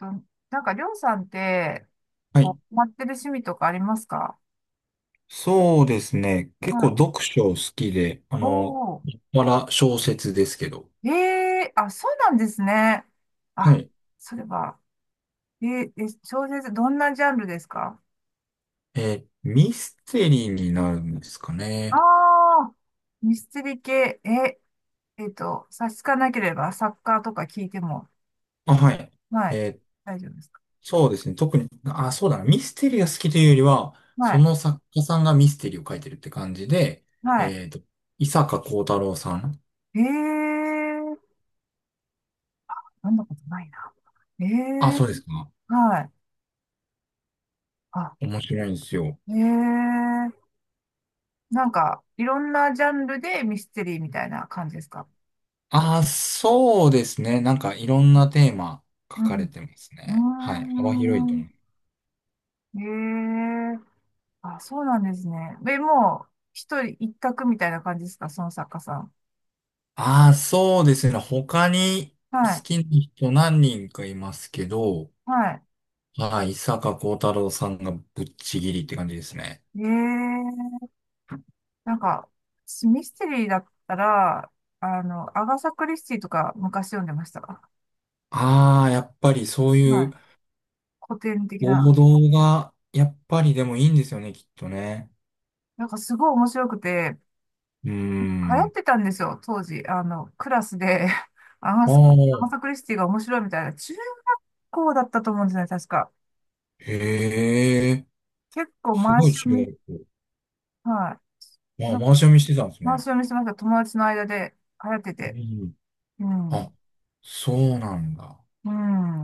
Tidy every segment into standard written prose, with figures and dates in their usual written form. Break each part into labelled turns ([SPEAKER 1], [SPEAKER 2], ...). [SPEAKER 1] あ、なんか、りょうさんって、
[SPEAKER 2] はい。
[SPEAKER 1] こう、ハマってる趣味とかありますか？
[SPEAKER 2] そうですね。結
[SPEAKER 1] は
[SPEAKER 2] 構
[SPEAKER 1] い。
[SPEAKER 2] 読書好きで、
[SPEAKER 1] おー。
[SPEAKER 2] まだ小説ですけど。
[SPEAKER 1] ええ。あ、そうなんですね。
[SPEAKER 2] は
[SPEAKER 1] あ、
[SPEAKER 2] い。
[SPEAKER 1] それは、えーえ、小説、どんなジャンルですか？
[SPEAKER 2] ミステリーになるんですか
[SPEAKER 1] あ
[SPEAKER 2] ね。
[SPEAKER 1] あー、ミステリー系、差し支えなければ、作家とか聞いても、
[SPEAKER 2] あ、はい。
[SPEAKER 1] はい、
[SPEAKER 2] えー
[SPEAKER 1] 大丈夫ですか？
[SPEAKER 2] そうですね。特に、あ、そうだな。ミステリーが好きというよりは、
[SPEAKER 1] は
[SPEAKER 2] そ
[SPEAKER 1] い、
[SPEAKER 2] の作家さんがミステリーを書いてるって感じで、
[SPEAKER 1] はい。
[SPEAKER 2] えっと、伊坂幸太郎さん。
[SPEAKER 1] ええー、飲んだことないな。え
[SPEAKER 2] あ、
[SPEAKER 1] え。
[SPEAKER 2] そうですか。
[SPEAKER 1] はい。あ、
[SPEAKER 2] 面白いんですよ。
[SPEAKER 1] ええ。なんか、いろんなジャンルでミステリーみたいな感じですか？
[SPEAKER 2] あ、そうですね。なんかいろん
[SPEAKER 1] う
[SPEAKER 2] なテーマ書か
[SPEAKER 1] ん。
[SPEAKER 2] れてます
[SPEAKER 1] うー
[SPEAKER 2] ね。はい。幅広いと思う。
[SPEAKER 1] ん。ええ。あ、そうなんですね。で、もう、一人一択みたいな感じですか、その作家さん？
[SPEAKER 2] ああ、そうですね。他に
[SPEAKER 1] は
[SPEAKER 2] 好
[SPEAKER 1] い。
[SPEAKER 2] きな人何人かいますけど、
[SPEAKER 1] は
[SPEAKER 2] はい、伊坂幸太郎さんがぶっちぎりって感じですね。
[SPEAKER 1] い。ええ。なんか、私ミステリーだったら、アガサ・クリスティとか昔読んでました。は
[SPEAKER 2] ああ、やっぱりそう
[SPEAKER 1] い。
[SPEAKER 2] いう
[SPEAKER 1] 古典的
[SPEAKER 2] 王
[SPEAKER 1] な。
[SPEAKER 2] 道が、やっぱりでもいいんですよね、きっとね。
[SPEAKER 1] なんかすごい面白くて、
[SPEAKER 2] うー
[SPEAKER 1] 流行っ
[SPEAKER 2] ん。
[SPEAKER 1] てたんですよ、当時。クラスで、アガ
[SPEAKER 2] あ
[SPEAKER 1] ス、アガサ・
[SPEAKER 2] あ、
[SPEAKER 1] クリスティが面白いみたいな、中高だったと思うんですよね、確か。
[SPEAKER 2] へえ、
[SPEAKER 1] 結構
[SPEAKER 2] す
[SPEAKER 1] 回
[SPEAKER 2] ご
[SPEAKER 1] し
[SPEAKER 2] い
[SPEAKER 1] 読
[SPEAKER 2] 違
[SPEAKER 1] み、
[SPEAKER 2] う。
[SPEAKER 1] はい。
[SPEAKER 2] あ
[SPEAKER 1] な
[SPEAKER 2] あ、
[SPEAKER 1] ん
[SPEAKER 2] 回
[SPEAKER 1] か
[SPEAKER 2] し読みしてたんです
[SPEAKER 1] 回し
[SPEAKER 2] ね。
[SPEAKER 1] 読みしてました。友達の間で流行って
[SPEAKER 2] う
[SPEAKER 1] て。
[SPEAKER 2] ん。
[SPEAKER 1] う
[SPEAKER 2] あ、
[SPEAKER 1] ん。
[SPEAKER 2] そうなんだ。
[SPEAKER 1] う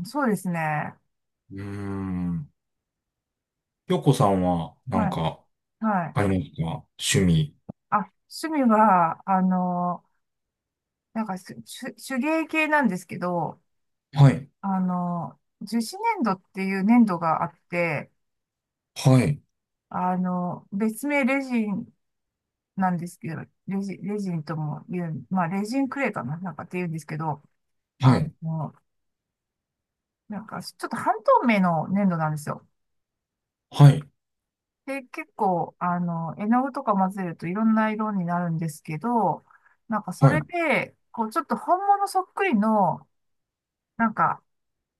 [SPEAKER 1] ん、そうですね。
[SPEAKER 2] うーん。ひょこさんは、な
[SPEAKER 1] は
[SPEAKER 2] ん
[SPEAKER 1] い。
[SPEAKER 2] か、
[SPEAKER 1] はい。
[SPEAKER 2] ありますか趣味？
[SPEAKER 1] あ、趣味は、なんか手芸系なんですけど、
[SPEAKER 2] はい。
[SPEAKER 1] 樹脂粘土っていう粘土があって、
[SPEAKER 2] はい、
[SPEAKER 1] 別名レジンなんですけど、レジンとも言う、まあ、レジンクレーかな、なんかって言うんですけど、
[SPEAKER 2] は
[SPEAKER 1] あ
[SPEAKER 2] い、
[SPEAKER 1] の、なんか、ちょっと半透明の粘土なんですよ。
[SPEAKER 2] はい、
[SPEAKER 1] で、結構、絵の具とか混ぜるといろんな色になるんですけど、なんか、そ
[SPEAKER 2] はい、
[SPEAKER 1] れで、こう、ちょっと本物そっくりの、なんか、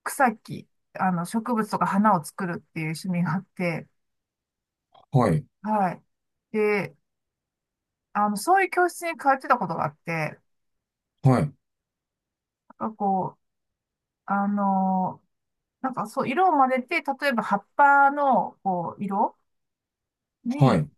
[SPEAKER 1] 草木、植物とか花を作るっていう趣味があって、
[SPEAKER 2] はい、
[SPEAKER 1] はい。で、そういう教室に通ってたことがあって、
[SPEAKER 2] はい、
[SPEAKER 1] なんかこう、あのなんかそう、色を混ぜて、例えば葉っぱのこう色
[SPEAKER 2] は
[SPEAKER 1] に、
[SPEAKER 2] い。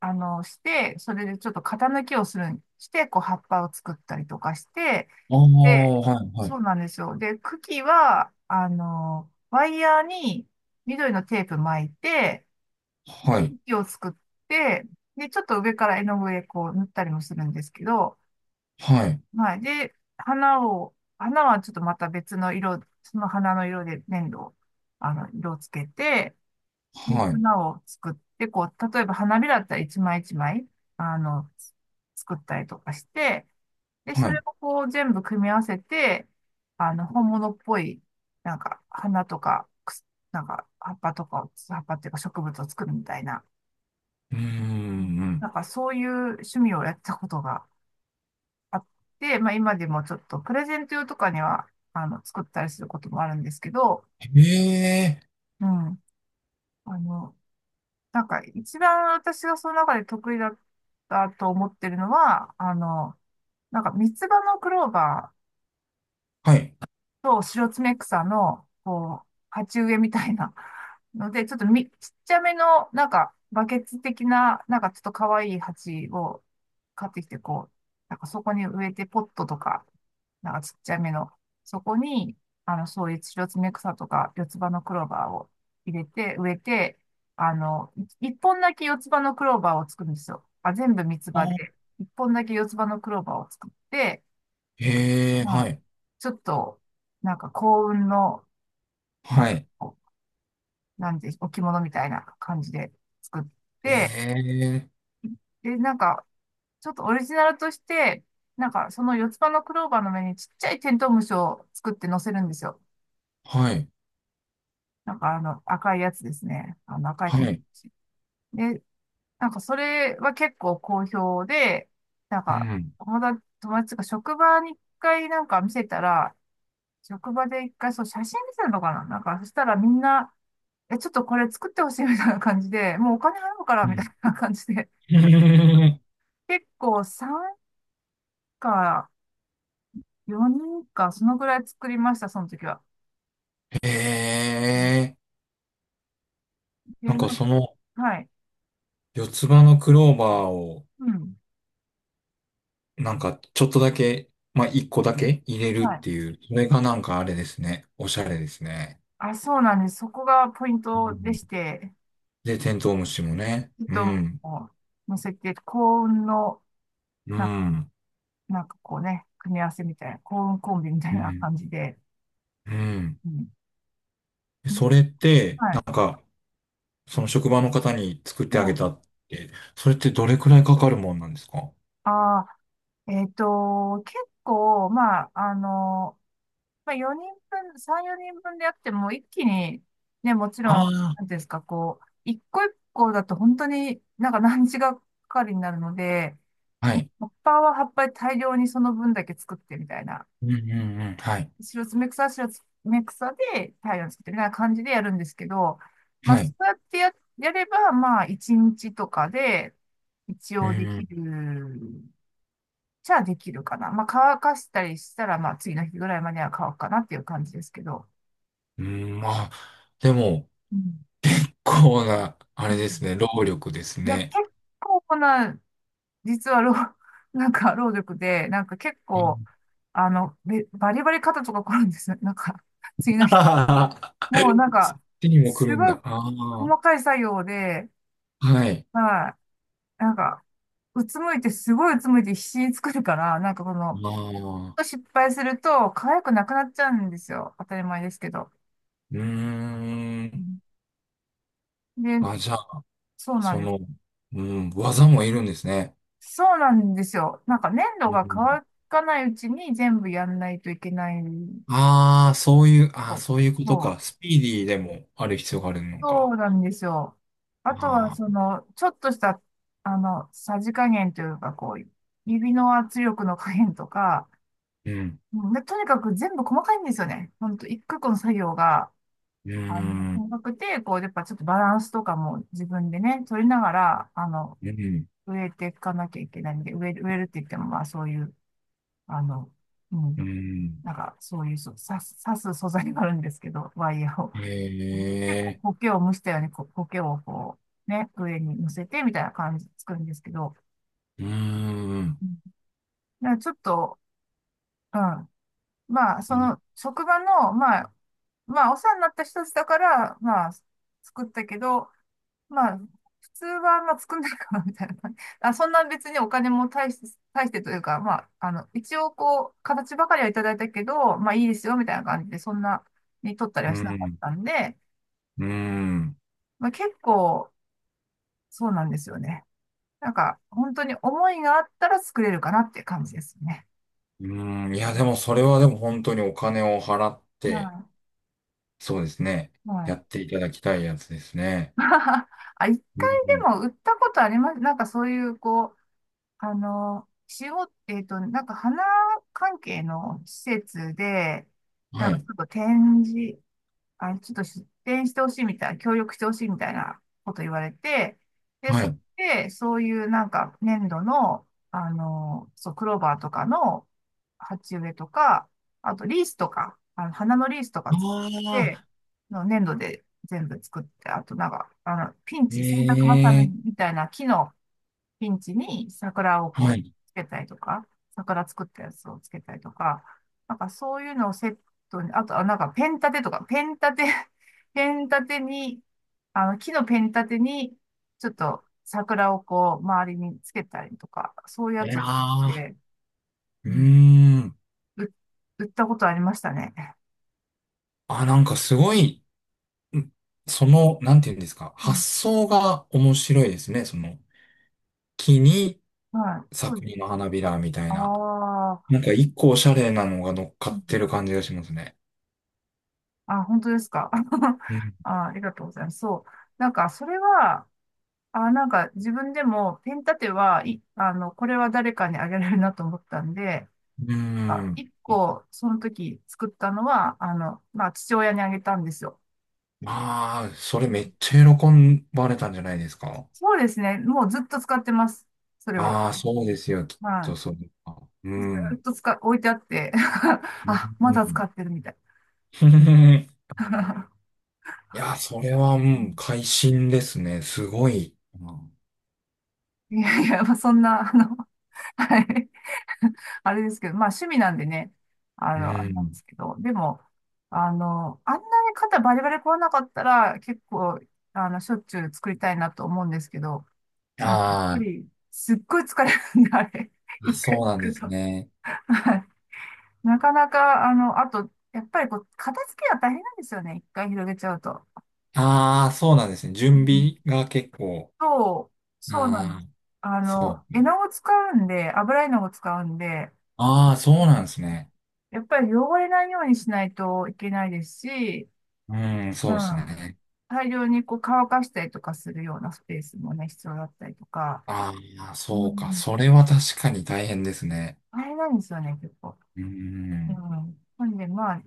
[SPEAKER 1] して、それでちょっと型抜きをするん、して、こう葉っぱを作ったりとかして、
[SPEAKER 2] ああ、
[SPEAKER 1] で、
[SPEAKER 2] はい、はい、
[SPEAKER 1] そうなんですよ。で、茎は、ワイヤーに緑のテープ巻いて、で、
[SPEAKER 2] はい、
[SPEAKER 1] 茎を作って、で、ちょっと上から絵の具でこう塗ったりもするんですけど、
[SPEAKER 2] はい、
[SPEAKER 1] はい。で、花はちょっとまた別の色、その花の色で粘土を、色をつけて、で
[SPEAKER 2] はい、
[SPEAKER 1] 花を作って、こう、例えば花びらだったら一枚一枚、あの、作ったりとかして、で、そ
[SPEAKER 2] は
[SPEAKER 1] れ
[SPEAKER 2] い。
[SPEAKER 1] をこう全部組み合わせて、本物っぽい、なんか、花とか、なんか、葉っぱとかを、葉っぱっていうか植物を作るみたいな、
[SPEAKER 2] うー
[SPEAKER 1] うん。
[SPEAKER 2] ん。
[SPEAKER 1] なんかそういう趣味をやったことがあって、まあ今でもちょっとプレゼント用とかには、作ったりすることもあるんですけど、
[SPEAKER 2] へええ、
[SPEAKER 1] うん。あの、なんか、一番私がその中で得意だったと思ってるのは、なんか、三つ葉のクローバー、
[SPEAKER 2] はい。
[SPEAKER 1] と、シロツメクサの、こう、鉢植えみたいな ので、ちょっとちっちゃめの、なんか、バケツ的な、なんかちょっと可愛い鉢を買ってきて、こう、なんかそこに植えて、ポットとか、なんかちっちゃめの、そこに、そういうシロツメクサとか、四つ葉のクローバーを入れて、植えて、あの、一本だけ四つ葉のクローバーを作るんですよ。あ、全部三つ
[SPEAKER 2] あ
[SPEAKER 1] 葉
[SPEAKER 2] ー、
[SPEAKER 1] で、一本だけ四つ葉のクローバーを作って、
[SPEAKER 2] へえ、
[SPEAKER 1] ま
[SPEAKER 2] は
[SPEAKER 1] あ、
[SPEAKER 2] い、
[SPEAKER 1] ちょっと、なんか幸運の、なん
[SPEAKER 2] は
[SPEAKER 1] か
[SPEAKER 2] い。
[SPEAKER 1] こう、なんで、置物みたいな感じで作っ
[SPEAKER 2] へ
[SPEAKER 1] て、
[SPEAKER 2] え、
[SPEAKER 1] で、なんか、ちょっとオリジナルとして、なんか、その四つ葉のクローバーの上にちっちゃいテントウムシを作って乗せるんですよ。
[SPEAKER 2] はい、
[SPEAKER 1] なんか、赤いやつですね。赤い
[SPEAKER 2] は
[SPEAKER 1] テントウ
[SPEAKER 2] い。
[SPEAKER 1] ムシ。で、なんか、それは結構好評で、なん
[SPEAKER 2] う
[SPEAKER 1] か、
[SPEAKER 2] ん、
[SPEAKER 1] 友達が職場に一回なんか見せたら、職場で一回、そう、写真見せるのかな、なんか、そしたらみんな、え、ちょっとこれ作ってほしいみたいな感じで、もうお金払うか
[SPEAKER 2] う
[SPEAKER 1] らみたいな感じで、
[SPEAKER 2] ん。
[SPEAKER 1] 結構3か4人か、そのぐらい作りました、その時は。
[SPEAKER 2] へ
[SPEAKER 1] うん。
[SPEAKER 2] え、
[SPEAKER 1] で
[SPEAKER 2] な
[SPEAKER 1] な
[SPEAKER 2] ん
[SPEAKER 1] ん
[SPEAKER 2] か
[SPEAKER 1] か、
[SPEAKER 2] その
[SPEAKER 1] はい。
[SPEAKER 2] 四つ葉のクローバーを、
[SPEAKER 1] うん。
[SPEAKER 2] なんかちょっとだけ、まあ一個だけ入れるっ
[SPEAKER 1] はい。
[SPEAKER 2] ていう、それがなんかあれですね。おしゃれですね。
[SPEAKER 1] あ、そうなんです。そこがポイン
[SPEAKER 2] う
[SPEAKER 1] トでし
[SPEAKER 2] ん。
[SPEAKER 1] て、
[SPEAKER 2] で、テントウムシもね。
[SPEAKER 1] ちょっ
[SPEAKER 2] う
[SPEAKER 1] と
[SPEAKER 2] ん。
[SPEAKER 1] もう乗せて、幸運の、
[SPEAKER 2] う
[SPEAKER 1] なんか、
[SPEAKER 2] ん。
[SPEAKER 1] なんかこうね、組み合わせみたいな、幸運コンビみたい
[SPEAKER 2] う
[SPEAKER 1] な
[SPEAKER 2] ん。
[SPEAKER 1] 感じで。
[SPEAKER 2] うん。
[SPEAKER 1] うん。
[SPEAKER 2] でそれって、
[SPEAKER 1] は
[SPEAKER 2] なん
[SPEAKER 1] い。
[SPEAKER 2] か、その職場の方に作っ
[SPEAKER 1] は
[SPEAKER 2] てあげた
[SPEAKER 1] い。
[SPEAKER 2] って、それってどれくらいかかるもんなんですか？
[SPEAKER 1] ああ、結構、まあ、まあ、4人分、3、4人分でやっても、一気に、ね、もちろん、
[SPEAKER 2] あ
[SPEAKER 1] なん
[SPEAKER 2] あ
[SPEAKER 1] ていうんですか、こう、一個一個だと本当になんか何日がかかりになるので、
[SPEAKER 2] ー、はい。
[SPEAKER 1] 葉っぱは葉っぱで大量にその分だけ作ってみたいな、
[SPEAKER 2] うんうんうん。はい。
[SPEAKER 1] 白爪草は白爪草で大量に作ってみたいな感じでやるんですけど、まあ、
[SPEAKER 2] は
[SPEAKER 1] そ
[SPEAKER 2] い。
[SPEAKER 1] うやってやれば、まあ、1日とかで、一
[SPEAKER 2] う
[SPEAKER 1] 応でき
[SPEAKER 2] ん。
[SPEAKER 1] る、じゃあできるかな。まあ、乾かしたりしたら、まあ、次の日ぐらいまでは乾くかなっていう感じですけど。
[SPEAKER 2] うん、まあ、でも、
[SPEAKER 1] うん。
[SPEAKER 2] こうな、あ
[SPEAKER 1] う
[SPEAKER 2] れです
[SPEAKER 1] ん。
[SPEAKER 2] ね、労力です
[SPEAKER 1] いや、結
[SPEAKER 2] ね。
[SPEAKER 1] 構な、実はなんか労力で、なんか結
[SPEAKER 2] う
[SPEAKER 1] 構、
[SPEAKER 2] ん
[SPEAKER 1] バリバリ肩とか凝るんですよ。なんか、次 の日。もうなん
[SPEAKER 2] そっ
[SPEAKER 1] か、
[SPEAKER 2] ちにも来
[SPEAKER 1] す
[SPEAKER 2] るん
[SPEAKER 1] ごい
[SPEAKER 2] だ。あ
[SPEAKER 1] 細
[SPEAKER 2] あ。
[SPEAKER 1] かい作業で、
[SPEAKER 2] はい。
[SPEAKER 1] はい、なんか、うつむいて、すごいうつむいて必死に作るから、なんかこの、
[SPEAKER 2] ああ。
[SPEAKER 1] 失敗すると、可愛くなくなっちゃうんですよ。当たり前ですけど。
[SPEAKER 2] うー
[SPEAKER 1] う
[SPEAKER 2] ん。
[SPEAKER 1] ん。で、
[SPEAKER 2] あ、じゃあ
[SPEAKER 1] そうなん
[SPEAKER 2] そ
[SPEAKER 1] です。
[SPEAKER 2] の、うん、技もいるんですね。
[SPEAKER 1] そうなんですよ。なんか粘土
[SPEAKER 2] う
[SPEAKER 1] が
[SPEAKER 2] ん。
[SPEAKER 1] 乾かないうちに全部やんないといけない。
[SPEAKER 2] ああ、そういう、あ
[SPEAKER 1] そ
[SPEAKER 2] あ、
[SPEAKER 1] う
[SPEAKER 2] そういうこと
[SPEAKER 1] そう、
[SPEAKER 2] か。スピーディーでもある必要があるの
[SPEAKER 1] そ
[SPEAKER 2] か。
[SPEAKER 1] うなんですよ。あとは、
[SPEAKER 2] あ
[SPEAKER 1] そ
[SPEAKER 2] あ、
[SPEAKER 1] の、ちょっとした、さじ加減というか、こう、指の圧力の加減とか、
[SPEAKER 2] うん、
[SPEAKER 1] うん。で、とにかく全部細かいんですよね。ほんと、一個一個の作業が、
[SPEAKER 2] うん、
[SPEAKER 1] 細かくて、こう、やっぱちょっとバランスとかも自分でね、取りながら、
[SPEAKER 2] うん、
[SPEAKER 1] 植えていかなきゃいけないんで、植える、植えるって言っても、まあ、そういう、あの、う
[SPEAKER 2] う
[SPEAKER 1] ん、
[SPEAKER 2] ん。
[SPEAKER 1] なんか、そういう、そう、刺す素材があるんですけど、ワイヤーを。
[SPEAKER 2] え
[SPEAKER 1] 結
[SPEAKER 2] え、
[SPEAKER 1] 構苔を蒸したように、こう、苔をこう、ね、上に乗せてみたいな感じで作るんですけど、
[SPEAKER 2] うん、
[SPEAKER 1] うん。だからちょっと、うん。まあ、そ
[SPEAKER 2] うん、
[SPEAKER 1] の、職場の、まあ、まあ、お世話になった人たちだから、まあ、作ったけど、まあ、普通は、まあ、作んないかな、みたいな感じ。あ、そんな別にお金も大して、大してというか、まあ、一応、こう、形ばかりはいただいたけど、まあ、いいですよ、みたいな感じで、そんなに取ったり
[SPEAKER 2] う
[SPEAKER 1] はしなかっ
[SPEAKER 2] ん、
[SPEAKER 1] たんで、
[SPEAKER 2] うん。
[SPEAKER 1] まあ、結構、そうなんですよね。なんか、本当に思いがあったら作れるかなっていう感じですね。
[SPEAKER 2] うん。いや、でもそれはでも本当にお金を払って、
[SPEAKER 1] は
[SPEAKER 2] そうですね。
[SPEAKER 1] い。は
[SPEAKER 2] や
[SPEAKER 1] い。
[SPEAKER 2] っていただきたいやつですね。
[SPEAKER 1] あ、一
[SPEAKER 2] う
[SPEAKER 1] 回で
[SPEAKER 2] ん。
[SPEAKER 1] も売ったことあります。なんかそういう、こう、仕事、なんか花関係の施設で、な
[SPEAKER 2] は
[SPEAKER 1] んかち
[SPEAKER 2] い、
[SPEAKER 1] ょっと展示、あ、ちょっと出店してほしいみたいな、協力してほしいみたいなこと言われて、で、
[SPEAKER 2] は
[SPEAKER 1] そこ
[SPEAKER 2] い。
[SPEAKER 1] で、そういうなんか粘土の、そう、クローバーとかの鉢植えとか、あとリースとか、花のリースとか作っ
[SPEAKER 2] あ
[SPEAKER 1] て、
[SPEAKER 2] あ、
[SPEAKER 1] の粘土で全部作って、あとなんか、ピンチ、洗濯バサ
[SPEAKER 2] え
[SPEAKER 1] ミ
[SPEAKER 2] え、
[SPEAKER 1] みたいな木のピンチに桜をこ
[SPEAKER 2] は
[SPEAKER 1] う
[SPEAKER 2] い。
[SPEAKER 1] つけたりとか、桜作ったやつをつけたりとか、なんかそういうのをセットに、あとはなんかペン立て、ペン立てに、あの木のペン立てに、ちょっと桜をこう周りにつけたりとか、そういうや
[SPEAKER 2] え
[SPEAKER 1] つを作っ
[SPEAKER 2] ら
[SPEAKER 1] て、
[SPEAKER 2] ー。
[SPEAKER 1] う
[SPEAKER 2] うー
[SPEAKER 1] ん、
[SPEAKER 2] ん。
[SPEAKER 1] う売ったことありましたね。
[SPEAKER 2] あ、なんかす
[SPEAKER 1] う
[SPEAKER 2] ご
[SPEAKER 1] ん。
[SPEAKER 2] い、んその、なんていうんですか、
[SPEAKER 1] う
[SPEAKER 2] 発
[SPEAKER 1] ん。
[SPEAKER 2] 想が面白いですね。その、木に
[SPEAKER 1] はい、そう
[SPEAKER 2] 作
[SPEAKER 1] です。
[SPEAKER 2] 品の花びらみたい
[SPEAKER 1] あ
[SPEAKER 2] な。
[SPEAKER 1] あ、
[SPEAKER 2] なんか一個おしゃれなのが乗っか
[SPEAKER 1] う
[SPEAKER 2] って
[SPEAKER 1] ん。
[SPEAKER 2] る感じがしますね。
[SPEAKER 1] あ、本当ですか。
[SPEAKER 2] うん。
[SPEAKER 1] あ、ありがとうございます。そう。なんか、それは、あ、なんか自分でもペン立ては、い、あの、これは誰かにあげられるなと思ったんで、
[SPEAKER 2] うー
[SPEAKER 1] あ、
[SPEAKER 2] ん。
[SPEAKER 1] 一個、その時作ったのは、まあ、父親にあげたんですよ。
[SPEAKER 2] まあ、それ
[SPEAKER 1] う
[SPEAKER 2] め
[SPEAKER 1] ん。
[SPEAKER 2] っちゃ喜ばれたんじゃないですか。
[SPEAKER 1] そうですね。もうずっと使ってます。それを。
[SPEAKER 2] ああ、そうですよ、きっと
[SPEAKER 1] は
[SPEAKER 2] そうか。
[SPEAKER 1] い。ず
[SPEAKER 2] う
[SPEAKER 1] っ
[SPEAKER 2] ん。
[SPEAKER 1] と置いてあって
[SPEAKER 2] う
[SPEAKER 1] あ、まだ使
[SPEAKER 2] ん。
[SPEAKER 1] ってるみたい。
[SPEAKER 2] いや、それは、う
[SPEAKER 1] う
[SPEAKER 2] ん、
[SPEAKER 1] ん。
[SPEAKER 2] 会心ですね。すごい。
[SPEAKER 1] いやいや、まあ、そんな、はい。あれですけど、まあ趣味なんでね、
[SPEAKER 2] う
[SPEAKER 1] あれなんで
[SPEAKER 2] ん。
[SPEAKER 1] すけど、でも、あんなに肩バリバリ凝らなかったら、結構、しょっちゅう作りたいなと思うんですけど、なんかやっぱ
[SPEAKER 2] あ
[SPEAKER 1] り、すっごい疲れるんで、あれ、
[SPEAKER 2] ーあ、
[SPEAKER 1] 一回
[SPEAKER 2] そうなん
[SPEAKER 1] 作
[SPEAKER 2] で
[SPEAKER 1] る
[SPEAKER 2] す
[SPEAKER 1] と。
[SPEAKER 2] ね。
[SPEAKER 1] はい。なかなか、あと、やっぱりこう、片付けが大変なんですよね、一回広げちゃうと。
[SPEAKER 2] ああ、そうなんですね。
[SPEAKER 1] う
[SPEAKER 2] 準
[SPEAKER 1] ん。
[SPEAKER 2] 備が結構。
[SPEAKER 1] そう、そうなんで
[SPEAKER 2] あ
[SPEAKER 1] す。
[SPEAKER 2] あ、そう。
[SPEAKER 1] 絵の具使うんで、油絵の具使うんで、
[SPEAKER 2] ああ、そうなんですね。
[SPEAKER 1] やっぱり汚れないようにしないといけないですし、
[SPEAKER 2] うん、そ
[SPEAKER 1] う
[SPEAKER 2] うです
[SPEAKER 1] ん。
[SPEAKER 2] ね。
[SPEAKER 1] 大量にこう乾かしたりとかするようなスペースもね、必要だったりとか、
[SPEAKER 2] ああ、
[SPEAKER 1] う
[SPEAKER 2] そうか。
[SPEAKER 1] ん。
[SPEAKER 2] それは確かに大変ですね。
[SPEAKER 1] 大変なんですよね、結構。
[SPEAKER 2] う
[SPEAKER 1] う
[SPEAKER 2] ん、
[SPEAKER 1] ん。なんで、まあ、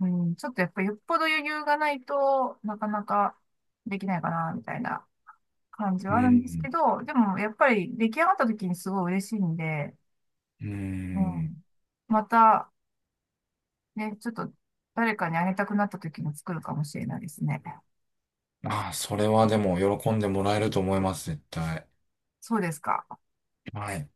[SPEAKER 1] うん、ちょっとやっぱりよっぽど余裕がないとなかなかできないかな、みたいな感じ
[SPEAKER 2] う
[SPEAKER 1] はあるんです
[SPEAKER 2] ん、
[SPEAKER 1] けど、でもやっぱり出来上がった時にすごい嬉しいんで、
[SPEAKER 2] う
[SPEAKER 1] う
[SPEAKER 2] ん。
[SPEAKER 1] ん。また、ね、ちょっと誰かにあげたくなった時に作るかもしれないですね。
[SPEAKER 2] ああ、それはでも喜んでもらえると思います、絶対。
[SPEAKER 1] そうですか。
[SPEAKER 2] はい。